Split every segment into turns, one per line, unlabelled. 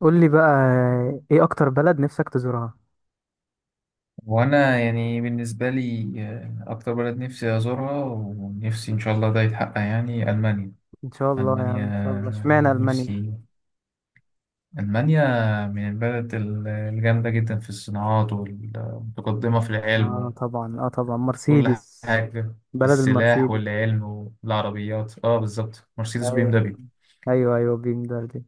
قول لي بقى، ايه اكتر بلد نفسك تزورها؟
وانا يعني بالنسبه لي اكتر بلد نفسي ازورها ونفسي ان شاء الله ده يتحقق يعني المانيا.
ان شاء الله، يعني
المانيا
ان شاء الله. اشمعنى المانيا؟
نفسي المانيا من البلد الجامده جدا في الصناعات والمتقدمه في العلم
اه
وفي
طبعا، اه طبعا،
كل
مرسيدس.
حاجه في
بلد
السلاح
المرسيدس.
والعلم والعربيات اه بالظبط مرسيدس بي ام
ايوه
دبليو.
ايوه ايوه بيم دي.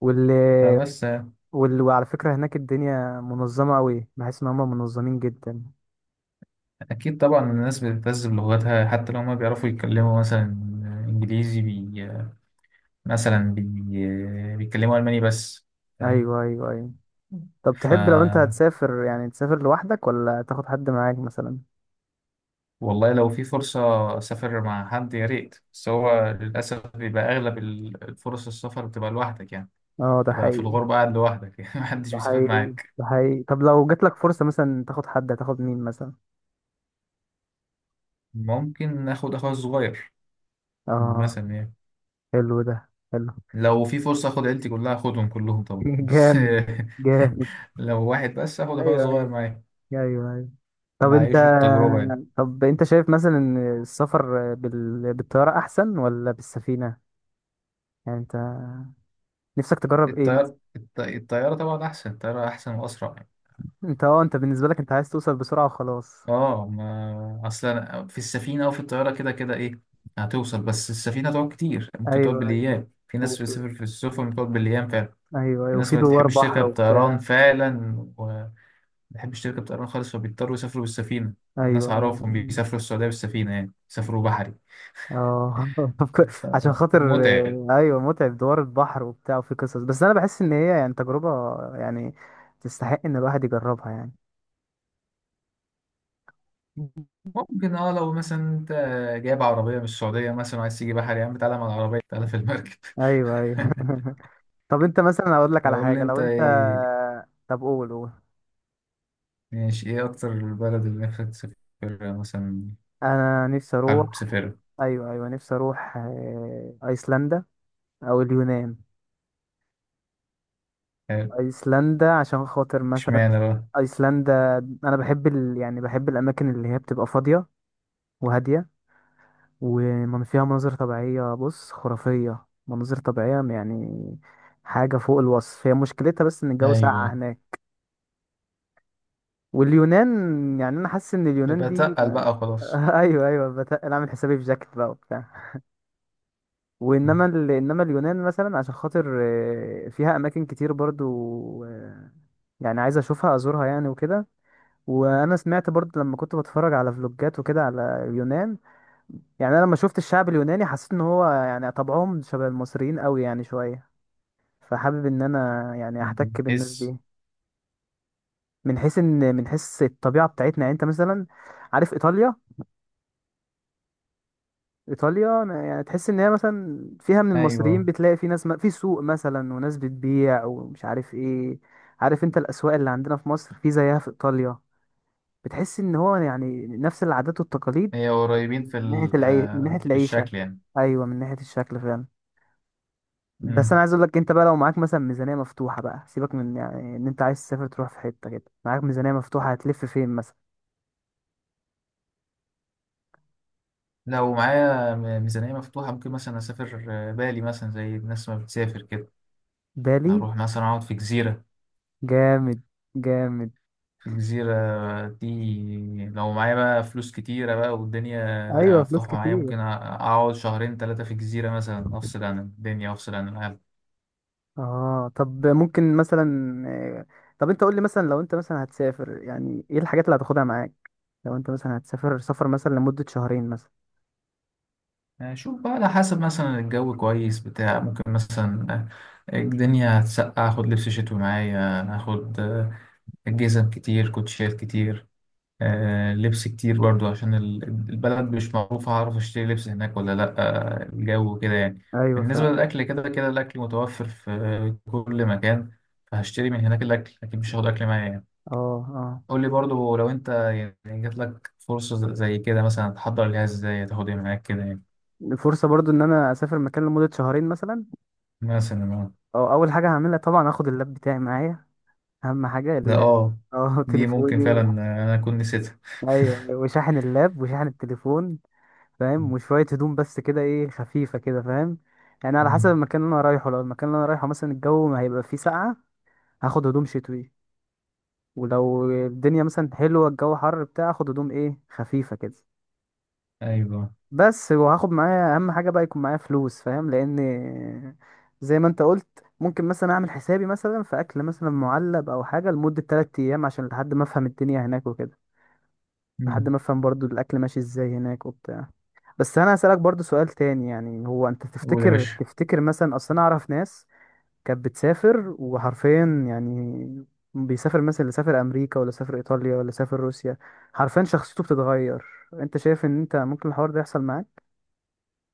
واللي
فبس.
وعلى فكرة هناك الدنيا منظمة قوي، بحس ان هم منظمين جدا.
اكيد طبعا الناس بتهتز بلغتها حتى لو ما بيعرفوا يتكلموا مثلا انجليزي، مثلا بيتكلموا ألماني بس، فاهم؟
ايوه ايوه ايوه. طب
ف
تحب لو انت هتسافر يعني تسافر لوحدك ولا تاخد حد معاك مثلا؟
والله لو في فرصة أسافر مع حد يا ريت، بس هو للأسف بيبقى أغلب الفرص السفر بتبقى لوحدك يعني،
اه ده
بتبقى في
حقيقي.
الغربة قاعد لوحدك يعني محدش
ده
بيسافر
حقيقي
معاك.
ده حقيقي. طب لو جاتلك فرصة مثلا تاخد حد، هتاخد مين مثلا؟
ممكن آخد أخويا الصغير
اه
مثلا يعني.
حلو ده. حلو.
لو في فرصة آخد عيلتي كلها، آخدهم كلهم طبعا بس
جامد جامد.
لو واحد بس آخد أخويا
ايوه
الصغير
ايوه.
معايا
ايوه ايوه. طب انت
نعيشه التجربة يعني.
طب انت شايف مثلا ان السفر بالطياره احسن ولا بالسفينه؟ يعني انت نفسك تجرب ايه مثلا؟
الطيار الطيارة طبعا أحسن، الطيارة أحسن وأسرع.
انت اه انت بالنسبه لك انت عايز توصل بسرعه وخلاص.
اه ما اصلا في السفينه او في الطياره كده كده ايه، هتوصل، بس السفينه تقعد كتير، ممكن تقعد
ايوه ايوه
بالايام، في ناس
وفي-
بتسافر في السفن بتقعد بالايام فعلا.
ايوه
في
ايوه،
ناس
وفي
ما
دوار
بتحبش
بحر
تركب طيران
وبتاع.
فعلا، وما بتحبش تركب طيران خالص فبيضطروا يسافروا بالسفينه. الناس
ايوه ايوه.
اعرفهم بيسافروا السعوديه بالسفينه، يعني بيسافروا بحري.
اه عشان خاطر.
متعب.
ايوه متعب، دوار البحر وبتاع وفي قصص، بس انا بحس ان هي يعني تجربه يعني تستحق ان الواحد يجربها يعني.
ممكن اه، لو مثلا انت جايب عربيه من السعوديه مثلا وعايز تيجي بحري، يا عم تعالى مع العربيه، تعالى في المركب
ايوه ايوه. طب انت مثلا اقول لك على
يقول لي
حاجه
انت
لو انت.
إيه؟
طب قول قول.
ماشي، ايه اكتر البلد اللي نفسك تسافرها مثلا،
انا نفسي
حابب
اروح.
تسافرها؟
ايوه ايوه نفسي اروح ايسلندا او اليونان.
حلو.
ايسلندا عشان خاطر مثلا.
اشمعنى بقى؟
ايسلندا، انا يعني بحب الاماكن اللي هي بتبقى فاضيه وهاديه ومن فيها مناظر طبيعيه، بص خرافيه مناظر طبيعيه، يعني حاجه فوق الوصف. هي مشكلتها بس ان الجو ساقع
ايوه.
هناك. واليونان، يعني انا حاسس ان اليونان
يبقى
دي
تقل بقى وخلاص
ايوه ايوه انا عامل حسابي في جاكيت بقى وبتاع. انما اليونان مثلا عشان خاطر فيها اماكن كتير برضو. آه، يعني عايز اشوفها ازورها يعني وكده. وانا سمعت برضو لما كنت بتفرج على فلوجات وكده على اليونان. يعني انا لما شفت الشعب اليوناني حسيت ان هو يعني طبعهم شبه المصريين قوي يعني شويه. فحابب ان انا يعني احتك بالناس
حس،
دي. من حيث الطبيعه بتاعتنا. يعني انت مثلا عارف ايطاليا؟ ايطاليا أنا يعني تحس ان هي مثلا فيها من المصريين،
ايوه
بتلاقي في ناس في سوق مثلا وناس بتبيع ومش عارف ايه. عارف انت الاسواق اللي عندنا في مصر، في زيها في ايطاليا. بتحس ان هو يعني نفس العادات والتقاليد.
هي قريبين في
من ناحيه
في
العيشه.
الشكل يعني.
ايوه من ناحيه الشكل فعلا. بس انا
مم.
عايز اقول لك انت بقى، لو معاك مثلا ميزانيه مفتوحه بقى، سيبك من يعني ان انت عايز تسافر، تروح في حته كده معاك ميزانيه مفتوحه هتلف فين مثلا؟
لو معايا ميزانية مفتوحة ممكن مثلا اسافر بالي، مثلا زي الناس ما بتسافر كده،
بالي.
اروح مثلا اقعد في جزيرة.
جامد جامد.
في الجزيرة دي لو معايا بقى فلوس كتيرة بقى والدنيا
ايوه فلوس
مفتوحة معايا،
كتير.
ممكن أقعد شهرين تلاتة في الجزيرة مثلا، أفصل عن الدنيا، أفصل عن العالم.
اه طب ممكن مثلا آه، طب انت قول لي مثلا لو انت مثلا هتسافر، يعني ايه الحاجات اللي هتاخدها معاك؟ لو انت مثلا هتسافر سفر مثلا لمدة شهرين مثلا.
أشوف بقى على حسب مثلا الجو، كويس بتاع، ممكن مثلا الدنيا هتسقع أخد لبس شتوي معايا، أخد جزم كتير، كوتشيات كتير، لبس كتير برضو عشان البلد مش معروفة هعرف اشتري لبس هناك ولا لأ، الجو كده يعني.
ايوه
بالنسبة
فعلا.
للأكل كده كده الأكل متوفر في كل مكان، فهشتري من هناك الأكل لكن مش هاخد أكل معايا يعني.
اه اه
قول لي برضو لو أنت يعني جات لك فرصة زي كده مثلا تحضر ليها ازاي، تاخد ايه معاك كده يعني،
الفرصة برضو ان انا اسافر مكان لمدة شهرين مثلا.
مثلا آه.
اه اول حاجة هعملها طبعا هاخد اللاب بتاعي معايا. اهم حاجة
ده
اللاب.
اه،
اه
دي ممكن فعلا أنا أكون نسيتها.
ايوه، أيوة، وشاحن اللاب وشاحن التليفون، فاهم؟
مم.
وشوية هدوم بس كده، ايه، خفيفة كده، فاهم؟ يعني على حسب
مم.
المكان اللي انا رايحه. لو المكان اللي انا رايحه مثلا الجو ما هيبقى فيه ساقعة، هاخد هدوم شتوي. ولو الدنيا مثلا حلوة الجو حر بتاع هاخد هدوم ايه خفيفة كده
أيوه.
بس. وهاخد معايا اهم حاجة بقى، يكون معايا فلوس، فاهم؟ لان زي ما انت قلت ممكن مثلا اعمل حسابي مثلا في اكل مثلا معلب او حاجة لمدة 3 ايام عشان لحد ما افهم الدنيا هناك وكده. لحد
مم.
ما افهم برضو الاكل ماشي ازاي هناك وبتاع. بس انا هسألك برضو سؤال تاني، يعني هو انت
قول يا
تفتكر،
باشا.
تفتكر مثلا، اصل انا اعرف ناس كانت بتسافر وحرفيا يعني بيسافر مثلا، اللي سافر امريكا ولا سافر ايطاليا ولا سافر روسيا، حرفيا شخصيته بتتغير. انت شايف ان انت ممكن الحوار ده يحصل معاك؟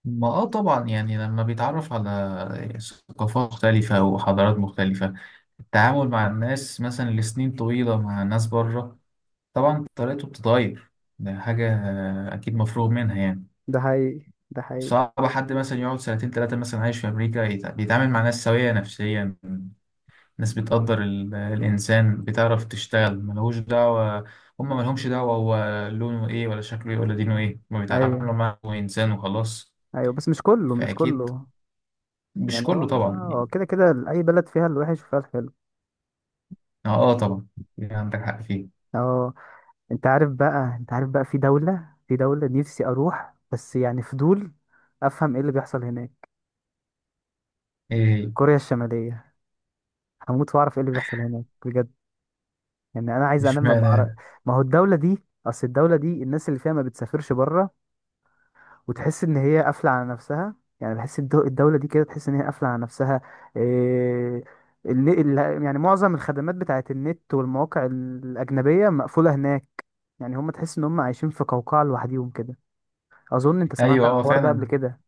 ما اه طبعا، يعني لما بيتعرف على ثقافات مختلفة وحضارات مختلفة، التعامل مع الناس مثلا لسنين طويلة مع ناس بره، طبعا طريقته بتتغير. ده حاجة أكيد مفروغ منها يعني.
ده حقيقي ده حقيقي.
صعب حد مثلا يقعد سنتين تلاتة مثلا عايش في أمريكا بيتعامل مع ناس سوية نفسيا، ناس بتقدر الإنسان، بتعرف تشتغل، ملهوش دعوة، هما ملهمش دعوة هو لونه إيه ولا شكله إيه ولا دينه إيه، هما
ايوه
بيتعاملوا معه إنسان وخلاص.
ايوه، بس مش كله، مش
فأكيد
كله.
مش
يعني هو
كله طبعا
هو
يعني.
كده كده اي بلد فيها الوحش وفيها الحلو.
اه آه طبعا، يعني عندك حق فيه.
اه انت عارف بقى، انت عارف بقى في دولة، في دولة نفسي اروح بس يعني فضول افهم ايه اللي بيحصل هناك.
ايه؟
كوريا الشمالية. هموت واعرف ايه اللي بيحصل هناك بجد. يعني انا عايز
مش
انام ما بعرف.
معنى.
ما هو الدوله دي، اصل الدوله دي الناس اللي فيها ما بتسافرش بره، وتحس ان هي قافله على نفسها. يعني بحس الدوله دي كده تحس ان هي قافله على نفسها. إيه... ال... يعني معظم الخدمات بتاعت النت والمواقع الاجنبيه مقفوله هناك. يعني هم تحس ان هم عايشين في قوقعه لوحديهم كده. اظن انت سمعت
ايوه
عن
اه
الحوار ده قبل
فعلا،
كده.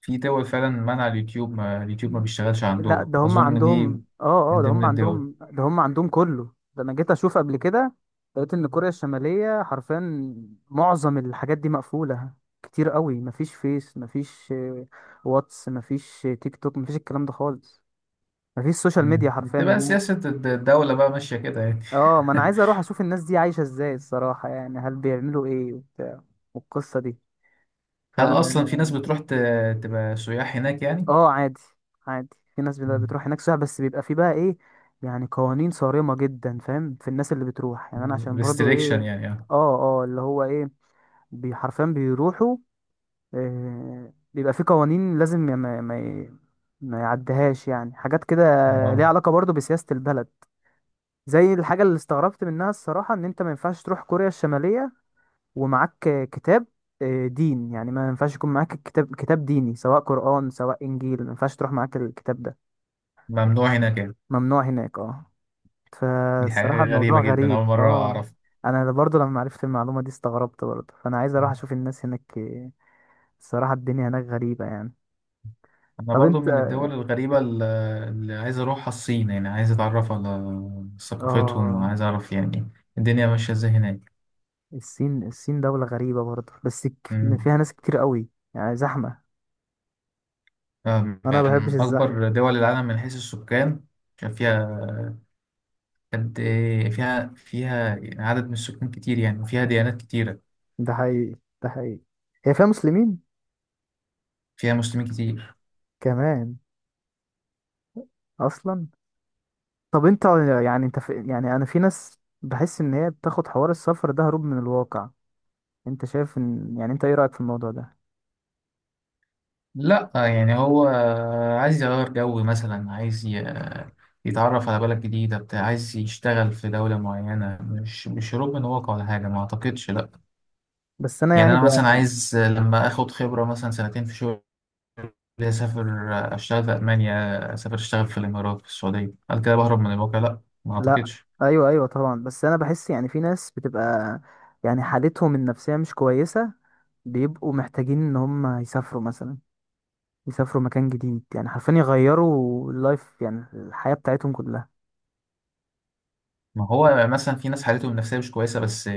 في دول فعلا منع اليوتيوب، ما اليوتيوب ما بيشتغلش
لا
عندهم،
ده هم
اظن دي
عندهم، اه اه
من
ده
ضمن
هم
الدول.
عندهم، ده هم عندهم كله ده. انا جيت اشوف قبل كده، لقيت ان كوريا الشمالية حرفيا معظم الحاجات دي مقفولة كتير قوي. مفيش فيس، مفيش واتس، مفيش تيك توك، مفيش الكلام ده خالص. مفيش سوشيال ميديا
مم.
حرفيا
تبقى
هناك.
سياسة الدولة بقى ماشية كده يعني.
اه ما انا عايز اروح اشوف الناس دي عايشة ازاي، الصراحة. يعني هل بيعملوا ايه وبتاع والقصة دي. ف
هل اصلا في ناس بتروح تبقى سياح هناك يعني؟
اه عادي. عادي. في ناس بتروح هناك سياحة، بس بيبقى في بقى ايه يعني، قوانين صارمة جدا، فاهم، في الناس اللي بتروح. يعني انا عشان برضو
ريستريكشن
ايه،
يعني، اه.
اه اه اللي هو ايه، حرفيا بيروحوا، إيه، بيبقى في قوانين لازم ما يعديهاش يعني، حاجات كده ليها
آه.
علاقة برضو بسياسة البلد. زي الحاجة اللي استغربت منها الصراحة ان انت ما ينفعش تروح كوريا الشمالية ومعاك كتاب دين، يعني ما ينفعش يكون معاك الكتاب، كتاب ديني، سواء قرآن سواء إنجيل ما ينفعش تروح معاك الكتاب ده.
ممنوع هناك يعني؟
ممنوع هناك، اه.
دي
فالصراحة
حاجة غريبة
الموضوع
جدا،
غريب،
اول مرة
اه.
اعرف.
انا برضو لما عرفت المعلومة دي استغربت برضو، فانا عايز اروح اشوف الناس هناك إيه. الصراحة الدنيا هناك غريبة يعني.
انا
طب
برضو
انت
من الدول الغريبة اللي عايز اروحها الصين، يعني عايز اتعرف على ثقافتهم
اه.
وعايز اعرف يعني الدنيا ماشية ازاي هناك.
الصين، الصين دولة غريبة برضو بس
أمم.
فيها ناس كتير قوي، يعني زحمة.
أم-
انا ما بحبش
من
الزحمة.
اكبر دول العالم من حيث السكان، عشان فيها فيها عدد من السكان كتير يعني، وفيها ديانات كتيرة.
ده حقيقي ده حقيقي. هي فيها مسلمين
فيها مسلمين كتير.
كمان اصلا. طب انت، يعني انت، في، يعني انا في ناس بحس ان هي بتاخد حوار السفر ده هروب من الواقع. انت شايف ان يعني انت ايه رأيك في الموضوع ده؟
لا يعني هو عايز يغير جو مثلا، عايز يتعرف على بلد جديدة بتاع، عايز يشتغل في دولة معينة، مش هروب من واقع ولا حاجة، ما أعتقدش لا.
بس انا
يعني
يعني ب...
انا مثلا عايز لما اخد خبره مثلا سنتين في شغل اسافر اشتغل في المانيا، اسافر اشتغل في الامارات في السعوديه، هل كده بهرب من الواقع؟ لا ما
لا
اعتقدش.
ايوه ايوه طبعا، بس انا بحس يعني في ناس بتبقى يعني حالتهم النفسيه مش كويسه، بيبقوا محتاجين ان هم يسافروا مثلا، يسافروا مكان جديد، يعني حرفيا يغيروا اللايف، يعني الحياه بتاعتهم كلها.
ما هو مثلا في ناس حالتهم النفسيه مش كويسه بس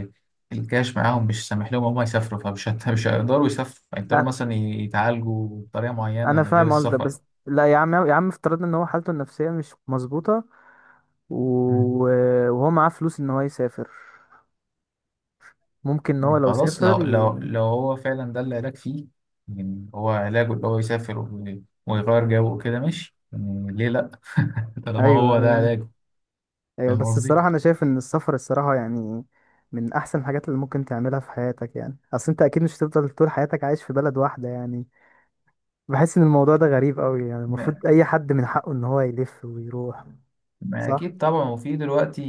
الكاش معاهم مش سامح لهم هم يسافروا، مش هيقدروا يسافروا، هيقدروا
لا
مثلا يتعالجوا بطريقه
انا
معينه غير
فاهم قصدك،
السفر.
بس لا يا عم، يا عم افترضنا ان هو حالته النفسيه مش مظبوطه
مم.
وهو معاه فلوس ان هو يسافر، ممكن ان هو
مم.
لو
خلاص لو
سافر
لو لو هو فعلا ده العلاج فيه، يعني هو علاجه اللي هو يسافر ويغير جو وكده، ماشي يعني، ليه لا؟ طالما
ايوه،
هو ده
أيوه.
علاج.
ايوه
فاهم
بس
قصدي؟
الصراحه انا شايف ان السفر الصراحه يعني من احسن الحاجات اللي ممكن تعملها في حياتك يعني. اصل انت اكيد مش هتفضل طول حياتك عايش في بلد واحده يعني. بحس ان الموضوع ده غريب قوي يعني.
ما
المفروض اي حد من حقه ان هو يلف ويروح.
ما
صح.
أكيد طبعا، وفي دلوقتي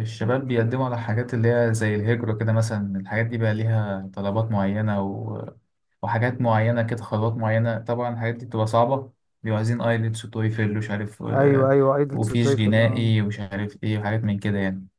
الشباب بيقدموا على حاجات اللي هي زي الهجرة كده مثلا، الحاجات دي بقى ليها طلبات معينة وحاجات معينة كده، خطوات معينة، طبعا الحاجات دي بتبقى صعبة، بيبقوا عايزين ايلتس وتويفل ومش عارف
ايوه ايوه ايدلتس
وفيش
وتويفل اه.
جنائي ومش عارف ايه، وحاجات من كده يعني.